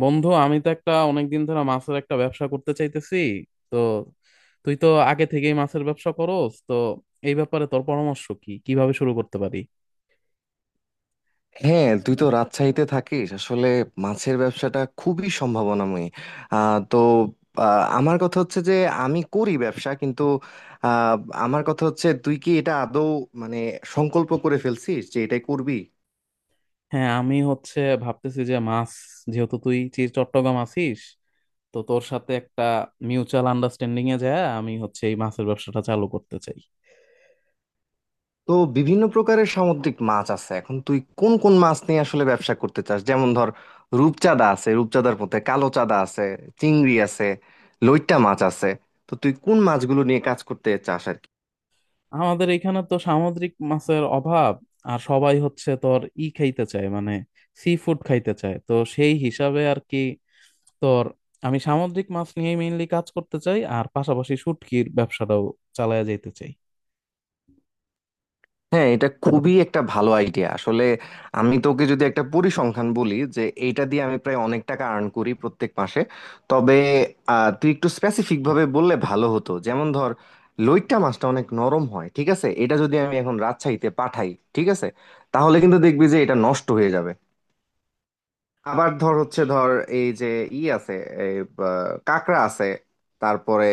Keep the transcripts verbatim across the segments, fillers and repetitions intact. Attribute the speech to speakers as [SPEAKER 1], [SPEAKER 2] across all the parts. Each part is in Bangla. [SPEAKER 1] বন্ধু, আমি তো একটা অনেকদিন ধরে মাছের একটা ব্যবসা করতে চাইতেছি। তো তুই তো আগে থেকেই মাছের ব্যবসা করস, তো এই ব্যাপারে তোর পরামর্শ কি? কিভাবে শুরু করতে পারি?
[SPEAKER 2] হ্যাঁ তুই তো রাজশাহীতে থাকিস আসলে। মাছের ব্যবসাটা খুবই সম্ভাবনাময়ী। আহ, তো আহ, আমার কথা হচ্ছে যে আমি করি ব্যবসা কিন্তু আহ, আমার কথা হচ্ছে তুই কি এটা আদৌ মানে সংকল্প করে ফেলছিস যে এটাই করবি?
[SPEAKER 1] হ্যাঁ, আমি হচ্ছে ভাবতেছি যে মাছ, যেহেতু তুই চি- চট্টগ্রাম আছিস, তো তোর সাথে একটা মিউচুয়াল আন্ডারস্ট্যান্ডিং এ যায় আমি হচ্ছে এই মাছের ব্যবসাটা চালু করতে চাই।
[SPEAKER 2] তো বিভিন্ন প্রকারের সামুদ্রিক মাছ আছে, এখন তুই কোন কোন মাছ নিয়ে আসলে ব্যবসা করতে চাস? যেমন ধর, রূপচাঁদা আছে, রূপচাঁদার মধ্যে কালো চাঁদা আছে, চিংড়ি আছে, লইট্টা মাছ আছে। তো তুই কোন মাছগুলো নিয়ে কাজ করতে চাস আর কি?
[SPEAKER 1] আমাদের এখানে তো সামুদ্রিক মাছের অভাব, আর সবাই হচ্ছে তোর ই খাইতে চায়, মানে সি ফুড খাইতে চায়, তো সেই হিসাবে আর কি তোর। আমি সামুদ্রিক মাছ নিয়ে মেইনলি কাজ করতে চাই আর পাশাপাশি শুটকির ব্যবসাটাও চালায় যেতে চাই।
[SPEAKER 2] হ্যাঁ, এটা খুবই একটা ভালো আইডিয়া আসলে। আমি তোকে যদি একটা পরিসংখ্যান বলি যে এইটা দিয়ে আমি প্রায় অনেক টাকা আর্ন করি প্রত্যেক মাসে। তবে আহ, তুই একটু স্পেসিফিক ভাবে বললে ভালো হতো। যেমন ধর, লইট্টা মাছটা অনেক নরম হয়, ঠিক আছে? এটা যদি আমি এখন রাজশাহীতে পাঠাই, ঠিক আছে, তাহলে কিন্তু দেখবি যে এটা নষ্ট হয়ে যাবে। আবার ধর হচ্ছে ধর এই যে ই আছে, এই বা, কাঁকড়া আছে, তারপরে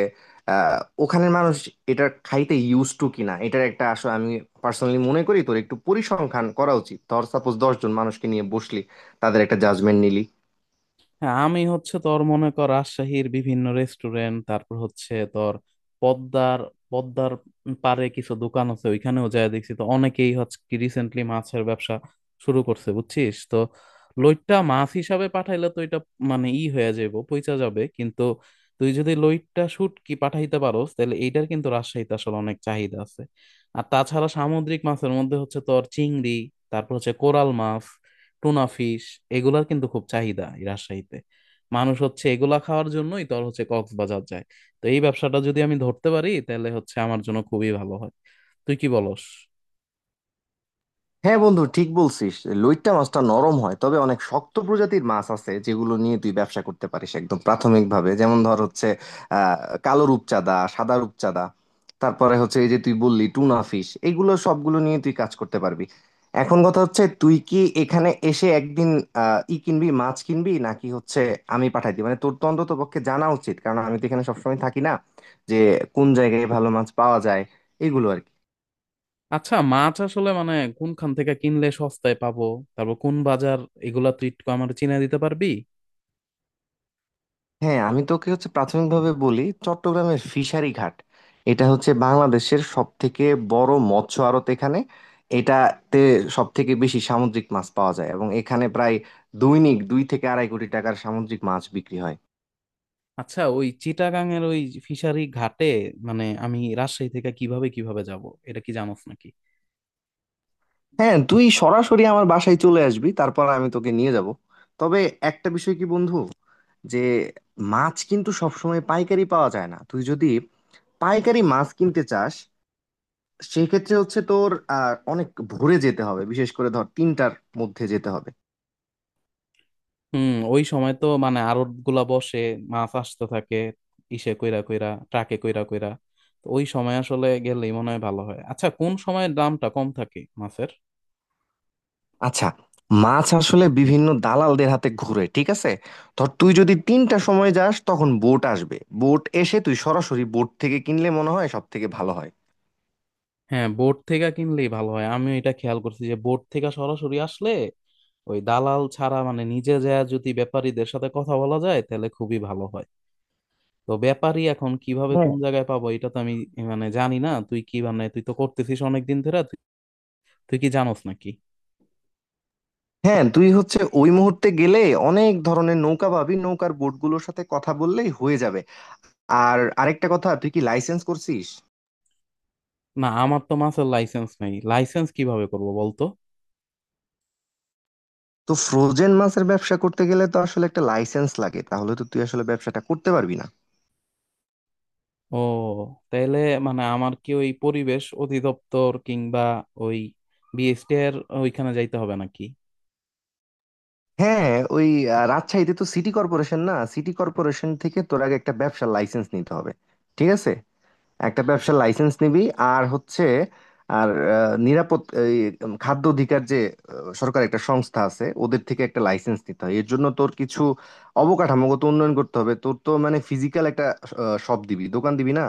[SPEAKER 2] আহ, ওখানের মানুষ এটা খাইতে ইউজ টু কিনা এটার একটা আসলে আমি পার্সোনালি মনে করি তোর একটু পরিসংখ্যান করা উচিত। ধর সাপোজ দশ জন মানুষকে নিয়ে বসলি, তাদের একটা জাজমেন্ট নিলি।
[SPEAKER 1] হ্যাঁ, আমি হচ্ছে তোর মনে কর রাজশাহীর বিভিন্ন রেস্টুরেন্ট, তারপর হচ্ছে তোর পদ্মার পদ্মার পারে কিছু দোকান আছে, ওইখানেও যায় দেখছি, তো অনেকেই হচ্ছে রিসেন্টলি মাছের ব্যবসা শুরু করছে বুঝছিস তো। লইট্টা মাছ হিসাবে পাঠাইলে তো এটা মানে ই হয়ে যাবে, পইচা যাবে, কিন্তু তুই যদি লইট্টা শুটকি পাঠাইতে পারোস তাহলে এইটার কিন্তু রাজশাহীতে আসলে অনেক চাহিদা আছে। আর তাছাড়া সামুদ্রিক মাছের মধ্যে হচ্ছে তোর চিংড়ি, তারপর হচ্ছে কোরাল মাছ, টুনা ফিশ, এগুলার কিন্তু খুব চাহিদা এই রাজশাহীতে। মানুষ হচ্ছে এগুলা খাওয়ার জন্যই তোর হচ্ছে কক্সবাজার যায়। তো এই ব্যবসাটা যদি আমি ধরতে পারি তাহলে হচ্ছে আমার জন্য খুবই ভালো হয়। তুই কি বলস?
[SPEAKER 2] হ্যাঁ বন্ধু, ঠিক বলছিস। লইট্টা মাছটা নরম হয়, তবে অনেক শক্ত প্রজাতির মাছ আছে যেগুলো নিয়ে তুই ব্যবসা করতে পারিস একদম প্রাথমিকভাবে। যেমন ধর হচ্ছে আহ কালো রূপচাঁদা, সাদা রূপচাঁদা, তারপরে হচ্ছে এই যে তুই বললি টুনা ফিশ, এগুলো সবগুলো নিয়ে তুই কাজ করতে পারবি। এখন কথা হচ্ছে, তুই কি এখানে এসে একদিন আহ ই কিনবি, মাছ কিনবি, নাকি হচ্ছে আমি পাঠাই দিই? মানে তোর তো অন্তত পক্ষে জানা উচিত, কারণ আমি তো এখানে সবসময় থাকি না, যে কোন জায়গায় ভালো মাছ পাওয়া যায় এগুলো আর কি।
[SPEAKER 1] আচ্ছা, মাছ আসলে মানে কোনখান থেকে কিনলে সস্তায় পাবো, তারপর কোন বাজার, এগুলা তুই একটু আমার চিনে দিতে পারবি?
[SPEAKER 2] হ্যাঁ আমি তোকে হচ্ছে প্রাথমিকভাবে বলি, চট্টগ্রামের ফিশারি ঘাট, এটা হচ্ছে বাংলাদেশের সব থেকে বড় মৎস্য আড়ত। এখানে, এটাতে সব থেকে বেশি সামুদ্রিক মাছ পাওয়া যায় এবং এখানে প্রায় দৈনিক দুই থেকে আড়াই কোটি টাকার সামুদ্রিক মাছ বিক্রি হয়।
[SPEAKER 1] আচ্ছা, ওই চিটাগাং এর ওই ফিশারি ঘাটে মানে আমি রাজশাহী থেকে কিভাবে কিভাবে যাব, এটা কি জানোস নাকি?
[SPEAKER 2] হ্যাঁ, তুই সরাসরি আমার বাসায় চলে আসবি, তারপর আমি তোকে নিয়ে যাব। তবে একটা বিষয় কি বন্ধু, যে মাছ কিন্তু সবসময় পাইকারি পাওয়া যায় না। তুই যদি পাইকারি মাছ কিনতে চাস, সেই ক্ষেত্রে হচ্ছে তোর আহ, অনেক ভোরে যেতে হবে, বিশেষ করে ধর তিনটার মধ্যে যেতে হবে।
[SPEAKER 1] হুম, ওই সময় তো মানে আড়ত গুলা বসে, মাছ আসতে থাকে ইসে কইরা কইরা, ট্রাকে কইরা কইরা। তো ওই সময় আসলে গেলেই মনে হয় ভালো হয়। আচ্ছা, কোন সময় দামটা কম থাকে মাছের?
[SPEAKER 2] আচ্ছা, মাছ আসলে বিভিন্ন দালালদের হাতে ঘুরে, ঠিক আছে? ধর তুই যদি তিনটার সময় যাস, তখন বোট আসবে। বোট এসে তুই সরাসরি বোট থেকে কিনলে মনে হয় সব থেকে ভালো হয়।
[SPEAKER 1] হ্যাঁ, বোট থেকে কিনলেই ভালো হয়। আমি এটা খেয়াল করছি যে বোট থেকে সরাসরি আসলে ওই দালাল ছাড়া, মানে নিজে যায় যদি ব্যাপারীদের সাথে কথা বলা যায় তাহলে খুবই ভালো হয়। তো ব্যাপারী এখন কিভাবে
[SPEAKER 2] হ্যাঁ,
[SPEAKER 1] কোন জায়গায় পাবো, এটা তো আমি মানে জানি না। তুই কি মানে তুই তো করতেছিস অনেকদিন ধরে, তুই কি জানোস নাকি?
[SPEAKER 2] হ্যাঁ, তুই হচ্ছে ওই মুহূর্তে গেলে অনেক ধরনের নৌকা পাবি, নৌকার বোটগুলোর সাথে কথা বললেই হয়ে যাবে। আর আরেকটা কথা, তুই কি লাইসেন্স করছিস?
[SPEAKER 1] না, আমার তো মাছের লাইসেন্স নেই। লাইসেন্স কিভাবে করবো বলতো?
[SPEAKER 2] তো ফ্রোজেন মাছের ব্যবসা করতে গেলে তো আসলে একটা লাইসেন্স লাগে, তাহলে তো তুই আসলে ব্যবসাটা করতে পারবি না।
[SPEAKER 1] ও, তাহলে মানে আমার কি ওই পরিবেশ অধিদপ্তর কিংবা ওই বিএসটি এর ওইখানে যাইতে হবে নাকি?
[SPEAKER 2] হ্যাঁ, ওই আহ, রাজশাহীতে তো সিটি কর্পোরেশন, না সিটি কর্পোরেশন থেকে তোর আগে একটা ব্যবসার লাইসেন্স নিতে হবে, ঠিক আছে? একটা ব্যবসার লাইসেন্স নিবি। আর হচ্ছে আর আহ, নিরাপদ এই, উম, খাদ্য অধিকার যে আহ, সরকার, একটা সংস্থা আছে, ওদের থেকে একটা লাইসেন্স নিতে হয়। এর জন্য তোর কিছু অবকাঠামোগত উন্নয়ন করতে হবে। তোর তো মানে ফিজিক্যাল একটা শপ দিবি, দোকান দিবি না?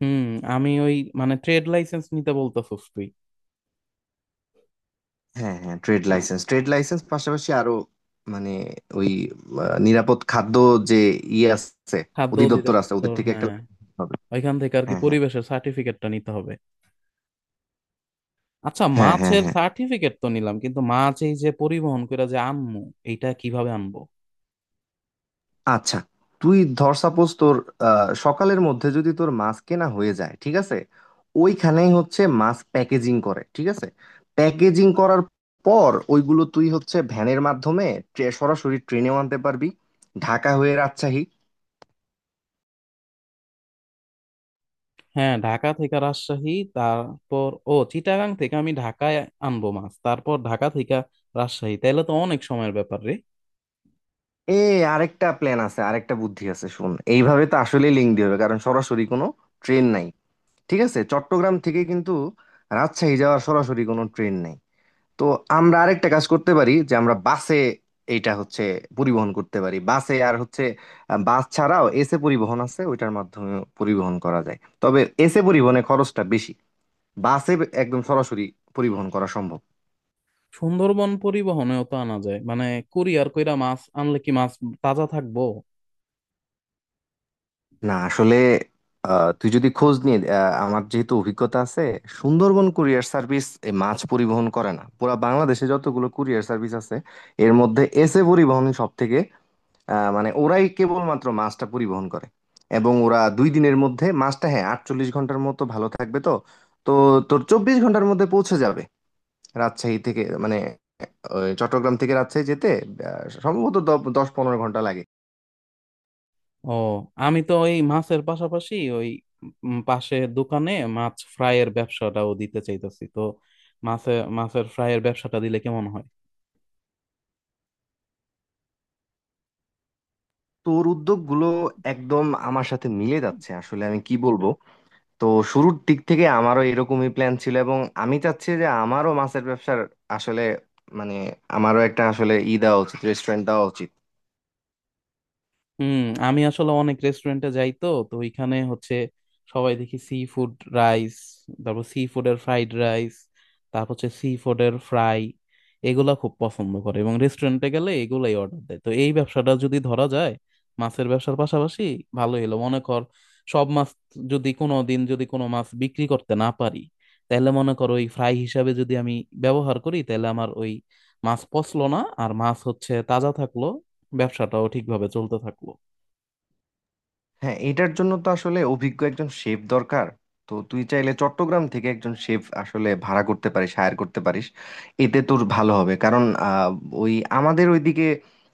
[SPEAKER 1] হুম। আমি ওই মানে ট্রেড লাইসেন্স নিতে বলতেছস তুই?
[SPEAKER 2] হ্যাঁ হ্যাঁ, ট্রেড লাইসেন্স, ট্রেড লাইসেন্স পাশাপাশি আরো মানে ওই আহ, নিরাপদ খাদ্য যে ইয়ে আছে,
[SPEAKER 1] খাদ্য
[SPEAKER 2] অধিদপ্তর আছে, ওদের
[SPEAKER 1] অধিদপ্তর,
[SPEAKER 2] থেকে একটা
[SPEAKER 1] হ্যাঁ।
[SPEAKER 2] license হবে।
[SPEAKER 1] ওইখান থেকে আর কি
[SPEAKER 2] হ্যাঁ হ্যাঁ
[SPEAKER 1] পরিবেশের সার্টিফিকেটটা নিতে হবে। আচ্ছা,
[SPEAKER 2] হ্যাঁ। হ্যাঁ
[SPEAKER 1] মাছের
[SPEAKER 2] হ্যাঁ।
[SPEAKER 1] সার্টিফিকেট তো নিলাম, কিন্তু মাছ এই যে পরিবহন করে যে আনমু, এইটা কিভাবে আনবো?
[SPEAKER 2] আচ্ছা, তুই ধর সাপোজ তোর আহ, সকালের মধ্যে যদি তোর মাছ কেনা হয়ে যায়, ঠিক আছে? ওইখানেই হচ্ছে মাছ প্যাকেজিং করে, ঠিক আছে? প্যাকেজিং করার পর ওইগুলো তুই হচ্ছে ভ্যানের মাধ্যমে, ট্রে- সরাসরি ট্রেনেও আনতে পারবি, ঢাকা হয়ে রাজশাহী।
[SPEAKER 1] হ্যাঁ, ঢাকা থেকে রাজশাহী, তারপর ও চিটাগাং থেকে আমি ঢাকায় আনবো মাছ, তারপর ঢাকা থেকে রাজশাহী, তাহলে তো অনেক সময়ের ব্যাপার রে।
[SPEAKER 2] এ, আরেকটা প্ল্যান আছে, আরেকটা বুদ্ধি আছে, শুন। এইভাবে তো আসলে লিঙ্ক দিয়ে হবে, কারণ সরাসরি কোনো ট্রেন নাই, ঠিক আছে? চট্টগ্রাম থেকে কিন্তু রাজশাহী যাওয়ার সরাসরি কোনো ট্রেন নাই। তো আমরা আরেকটা কাজ করতে পারি, যে আমরা বাসে, এইটা হচ্ছে, পরিবহন করতে পারি বাসে। আর হচ্ছে আহ, বাস ছাড়াও এসে পরিবহন আছে, ওইটার মাধ্যমে পরিবহন করা যায়, তবে এসে পরিবহনে খরচটা বেশি। বাসে একদম সরাসরি পরিবহন করা সম্ভব না।
[SPEAKER 1] সুন্দরবন পরিবহনেও তো আনা যায়, মানে কুরিয়ার কইরা মাছ আনলে কি মাছ তাজা থাকবো?
[SPEAKER 2] না, আসলে আহ, তুই যদি খোঁজ নিয়ে, আহ, আমার যেহেতু অভিজ্ঞতা আছে, সুন্দরবন কুরিয়ার সার্ভিস এই মাছ পরিবহন করে না। পুরা বাংলাদেশে যতগুলো কুরিয়ার সার্ভিস আছে এর মধ্যে এসএ পরিবহন সব থেকে আহ, মানে ওরাই কেবলমাত্র মাছটা পরিবহন করে। এবং ওরা দুই দিনের মধ্যে মাছটা, হ্যাঁ, আটচল্লিশ ঘন্টার মতো ভালো থাকবে। তো তো তোর চব্বিশ ঘন্টার মধ্যে পৌঁছে যাবে রাজশাহী থেকে, মানে ওই চট্টগ্রাম থেকে রাজশাহী যেতে আহ, সম্ভবত দ- দশ পনেরো ঘন্টা লাগে।
[SPEAKER 1] ও, আমি তো ওই মাছের পাশাপাশি ওই উম পাশে দোকানে মাছ ফ্রাইয়ের ব্যবসাটাও দিতে চাইতেছি, তো মাছে মাছের ফ্রাইয়ের ব্যবসাটা দিলে কেমন হয়?
[SPEAKER 2] তোর উদ্যোগগুলো একদম আমার সাথে মিলে যাচ্ছে আসলে। আমি কি বলবো, তো শুরুর দিক থেকে আমারও এরকমই প্ল্যান ছিল এবং আমি চাচ্ছি যে আমারও মাছের ব্যবসার আসলে মানে আমারও একটা আসলে ই দেওয়া উচিত, রেস্টুরেন্ট দেওয়া উচিত।
[SPEAKER 1] হুম, আমি আসলে অনেক রেস্টুরেন্টে যাই তো, তো ওইখানে হচ্ছে সবাই দেখি সি ফুড রাইস, তারপর সি ফুডের ফ্রাইড রাইস, তারপর হচ্ছে সি ফুডের ফ্রাই, এগুলা খুব পছন্দ করে এবং রেস্টুরেন্টে গেলে এগুলাই অর্ডার দেয়। তো এই ব্যবসাটা যদি ধরা যায় মাছের ব্যবসার পাশাপাশি, ভালো হলো মনে কর। সব মাছ যদি কোনো দিন যদি কোনো মাছ বিক্রি করতে না পারি, তাহলে মনে কর ওই ফ্রাই হিসাবে যদি আমি ব্যবহার করি তাহলে আমার ওই মাছ পচলো না, আর মাছ হচ্ছে তাজা থাকলো, ব্যবসাটাও ঠিকভাবে চলতে থাকলো।
[SPEAKER 2] হ্যাঁ এটার জন্য তো আসলে অভিজ্ঞ একজন শেফ দরকার। তো তুই চাইলে চট্টগ্রাম থেকে একজন শেফ আসলে ভাড়া করতে পারিস, হায়ার করতে পারিস। এতে তোর ভালো হবে, কারণ আহ, ওই আমাদের ওইদিকে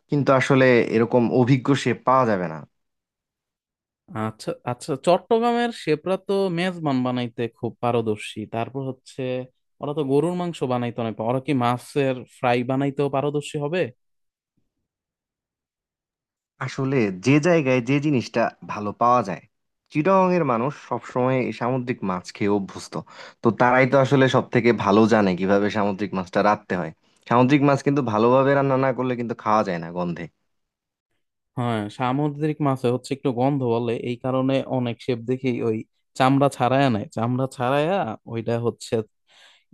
[SPEAKER 2] কিন্তু আসলে এরকম অভিজ্ঞ শেফ পাওয়া যাবে না।
[SPEAKER 1] আচ্ছা আচ্ছা, চট্টগ্রামের শেপরা তো মেজবান বানাইতে খুব পারদর্শী, তারপর হচ্ছে ওরা তো গরুর মাংস বানাইতে অনেক পা- ওরা কি মাছের ফ্রাই বানাইতেও পারদর্শী হবে?
[SPEAKER 2] আসলে যে জায়গায় যে জিনিসটা ভালো পাওয়া যায়, চিটাগং এর মানুষ সবসময় এই সামুদ্রিক মাছ খেয়ে অভ্যস্ত। তো তারাই তো আসলে সব থেকে ভালো জানে কিভাবে সামুদ্রিক মাছটা রাঁধতে হয়। সামুদ্রিক মাছ কিন্তু ভালোভাবে রান্না না করলে কিন্তু খাওয়া যায় না গন্ধে।
[SPEAKER 1] হ্যাঁ, সামুদ্রিক মাছে হচ্ছে একটু গন্ধ বলে এই কারণে অনেক শেফ দেখি ওই চামড়া ছাড়ায়া নেয়, চামড়া ছাড়ায়া ওইটা হচ্ছে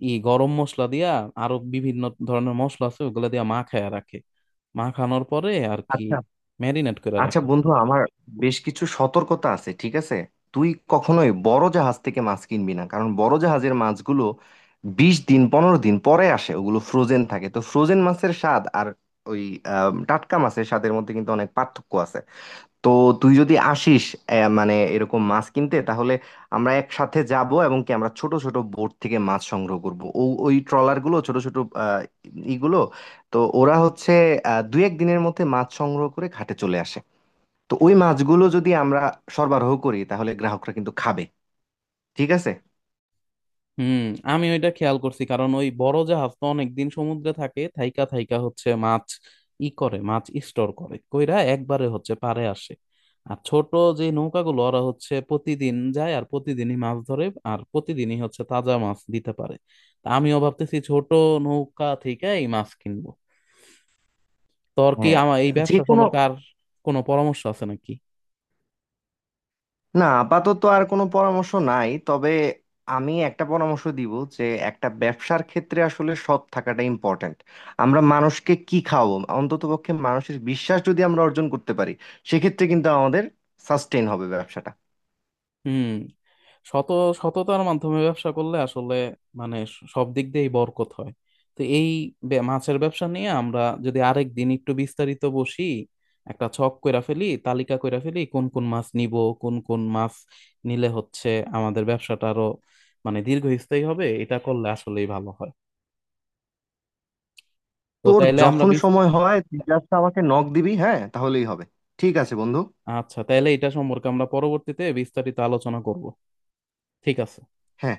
[SPEAKER 1] ই গরম মশলা দিয়া আরো বিভিন্ন ধরনের মশলা আছে ওগুলা দিয়া মাখায়া রাখে, মাখানোর পরে আর কি
[SPEAKER 2] আচ্ছা।
[SPEAKER 1] ম্যারিনেট করে
[SPEAKER 2] আচ্ছা
[SPEAKER 1] রাখে।
[SPEAKER 2] বন্ধু, আমার বেশ কিছু সতর্কতা আছে, ঠিক আছে? তুই কখনোই বড় জাহাজ থেকে মাছ কিনবি না, কারণ বড় জাহাজের মাছগুলো বিশ দিন, পনেরো দিন পরে আসে, ওগুলো ফ্রোজেন থাকে। তো ফ্রোজেন মাছের স্বাদ আর ওই আহ, টাটকা মাছের স্বাদের মধ্যে কিন্তু অনেক পার্থক্য আছে। তো তুই যদি আসিস আহ, মানে এরকম মাছ কিনতে, তাহলে আমরা একসাথে যাব এবং কি আমরা ছোট ছোট বোট থেকে মাছ সংগ্রহ করব, ও ওই ট্রলারগুলো ছোট ছোট আহ, ইগুলো। তো ওরা হচ্ছে আহ, দুই এক দিনের মধ্যে মাছ সংগ্রহ করে ঘাটে চলে আসে। তো ওই মাছগুলো যদি আমরা সরবরাহ করি তাহলে গ্রাহকরা কিন্তু খাবে, ঠিক আছে?
[SPEAKER 1] হুম, আমি ওইটা খেয়াল করছি, কারণ ওই বড় জাহাজ তো অনেকদিন সমুদ্রে থাকে, থাইকা থাইকা হচ্ছে মাছ ই করে মাছ স্টোর করে কইরা একবারে হচ্ছে পাড়ে আসে। আর ছোট যে নৌকাগুলো ওরা হচ্ছে প্রতিদিন যায় আর প্রতিদিনই মাছ ধরে, আর প্রতিদিনই হচ্ছে তাজা মাছ দিতে পারে। তা আমিও ভাবতেছি ছোট নৌকা থেকে এই মাছ কিনবো। তোর কি
[SPEAKER 2] হ্যাঁ,
[SPEAKER 1] আমার এই
[SPEAKER 2] যে
[SPEAKER 1] ব্যবসা
[SPEAKER 2] কোনো,
[SPEAKER 1] সম্পর্কে আর কোনো পরামর্শ আছে নাকি?
[SPEAKER 2] না আপাতত আর কোনো পরামর্শ নাই, তবে আমি একটা পরামর্শ দিব, যে একটা ব্যবসার ক্ষেত্রে আসলে সৎ থাকাটা ইম্পর্ট্যান্ট। আমরা মানুষকে কি খাওয়াবো? অন্ততপক্ষে মানুষের বিশ্বাস যদি আমরা অর্জন করতে পারি, সেক্ষেত্রে কিন্তু আমাদের সাস্টেইন হবে ব্যবসাটা।
[SPEAKER 1] হুম, শত সততার মাধ্যমে ব্যবসা করলে আসলে মানে স- সব দিক দিয়েই বরকত হয়। তো এই বে- মাছের ব্যবসা নিয়ে আমরা যদি আরেক দিন একটু বিস্তারিত বসি, একটা ছক কইরা ফেলি, তালিকা কইরা ফেলি কোন কোন মাছ নিব, কোন কোন মাছ নিলে হচ্ছে আমাদের ব্যবসাটা আরো মানে দীর্ঘস্থায়ী হবে, এটা করলে আসলেই ভালো হয়। তো
[SPEAKER 2] তোর
[SPEAKER 1] তাইলে আমরা
[SPEAKER 2] যখন
[SPEAKER 1] বিস-
[SPEAKER 2] সময় হয় তুই just আমাকে নক দিবি, হ্যাঁ তাহলেই হবে। ঠিক আছে বন্ধু।
[SPEAKER 1] আচ্ছা, তাইলে এটা সম্পর্কে আমরা পরবর্তীতে বিস্তারিত আলোচনা করব, ঠিক আছে।
[SPEAKER 2] হ্যাঁ।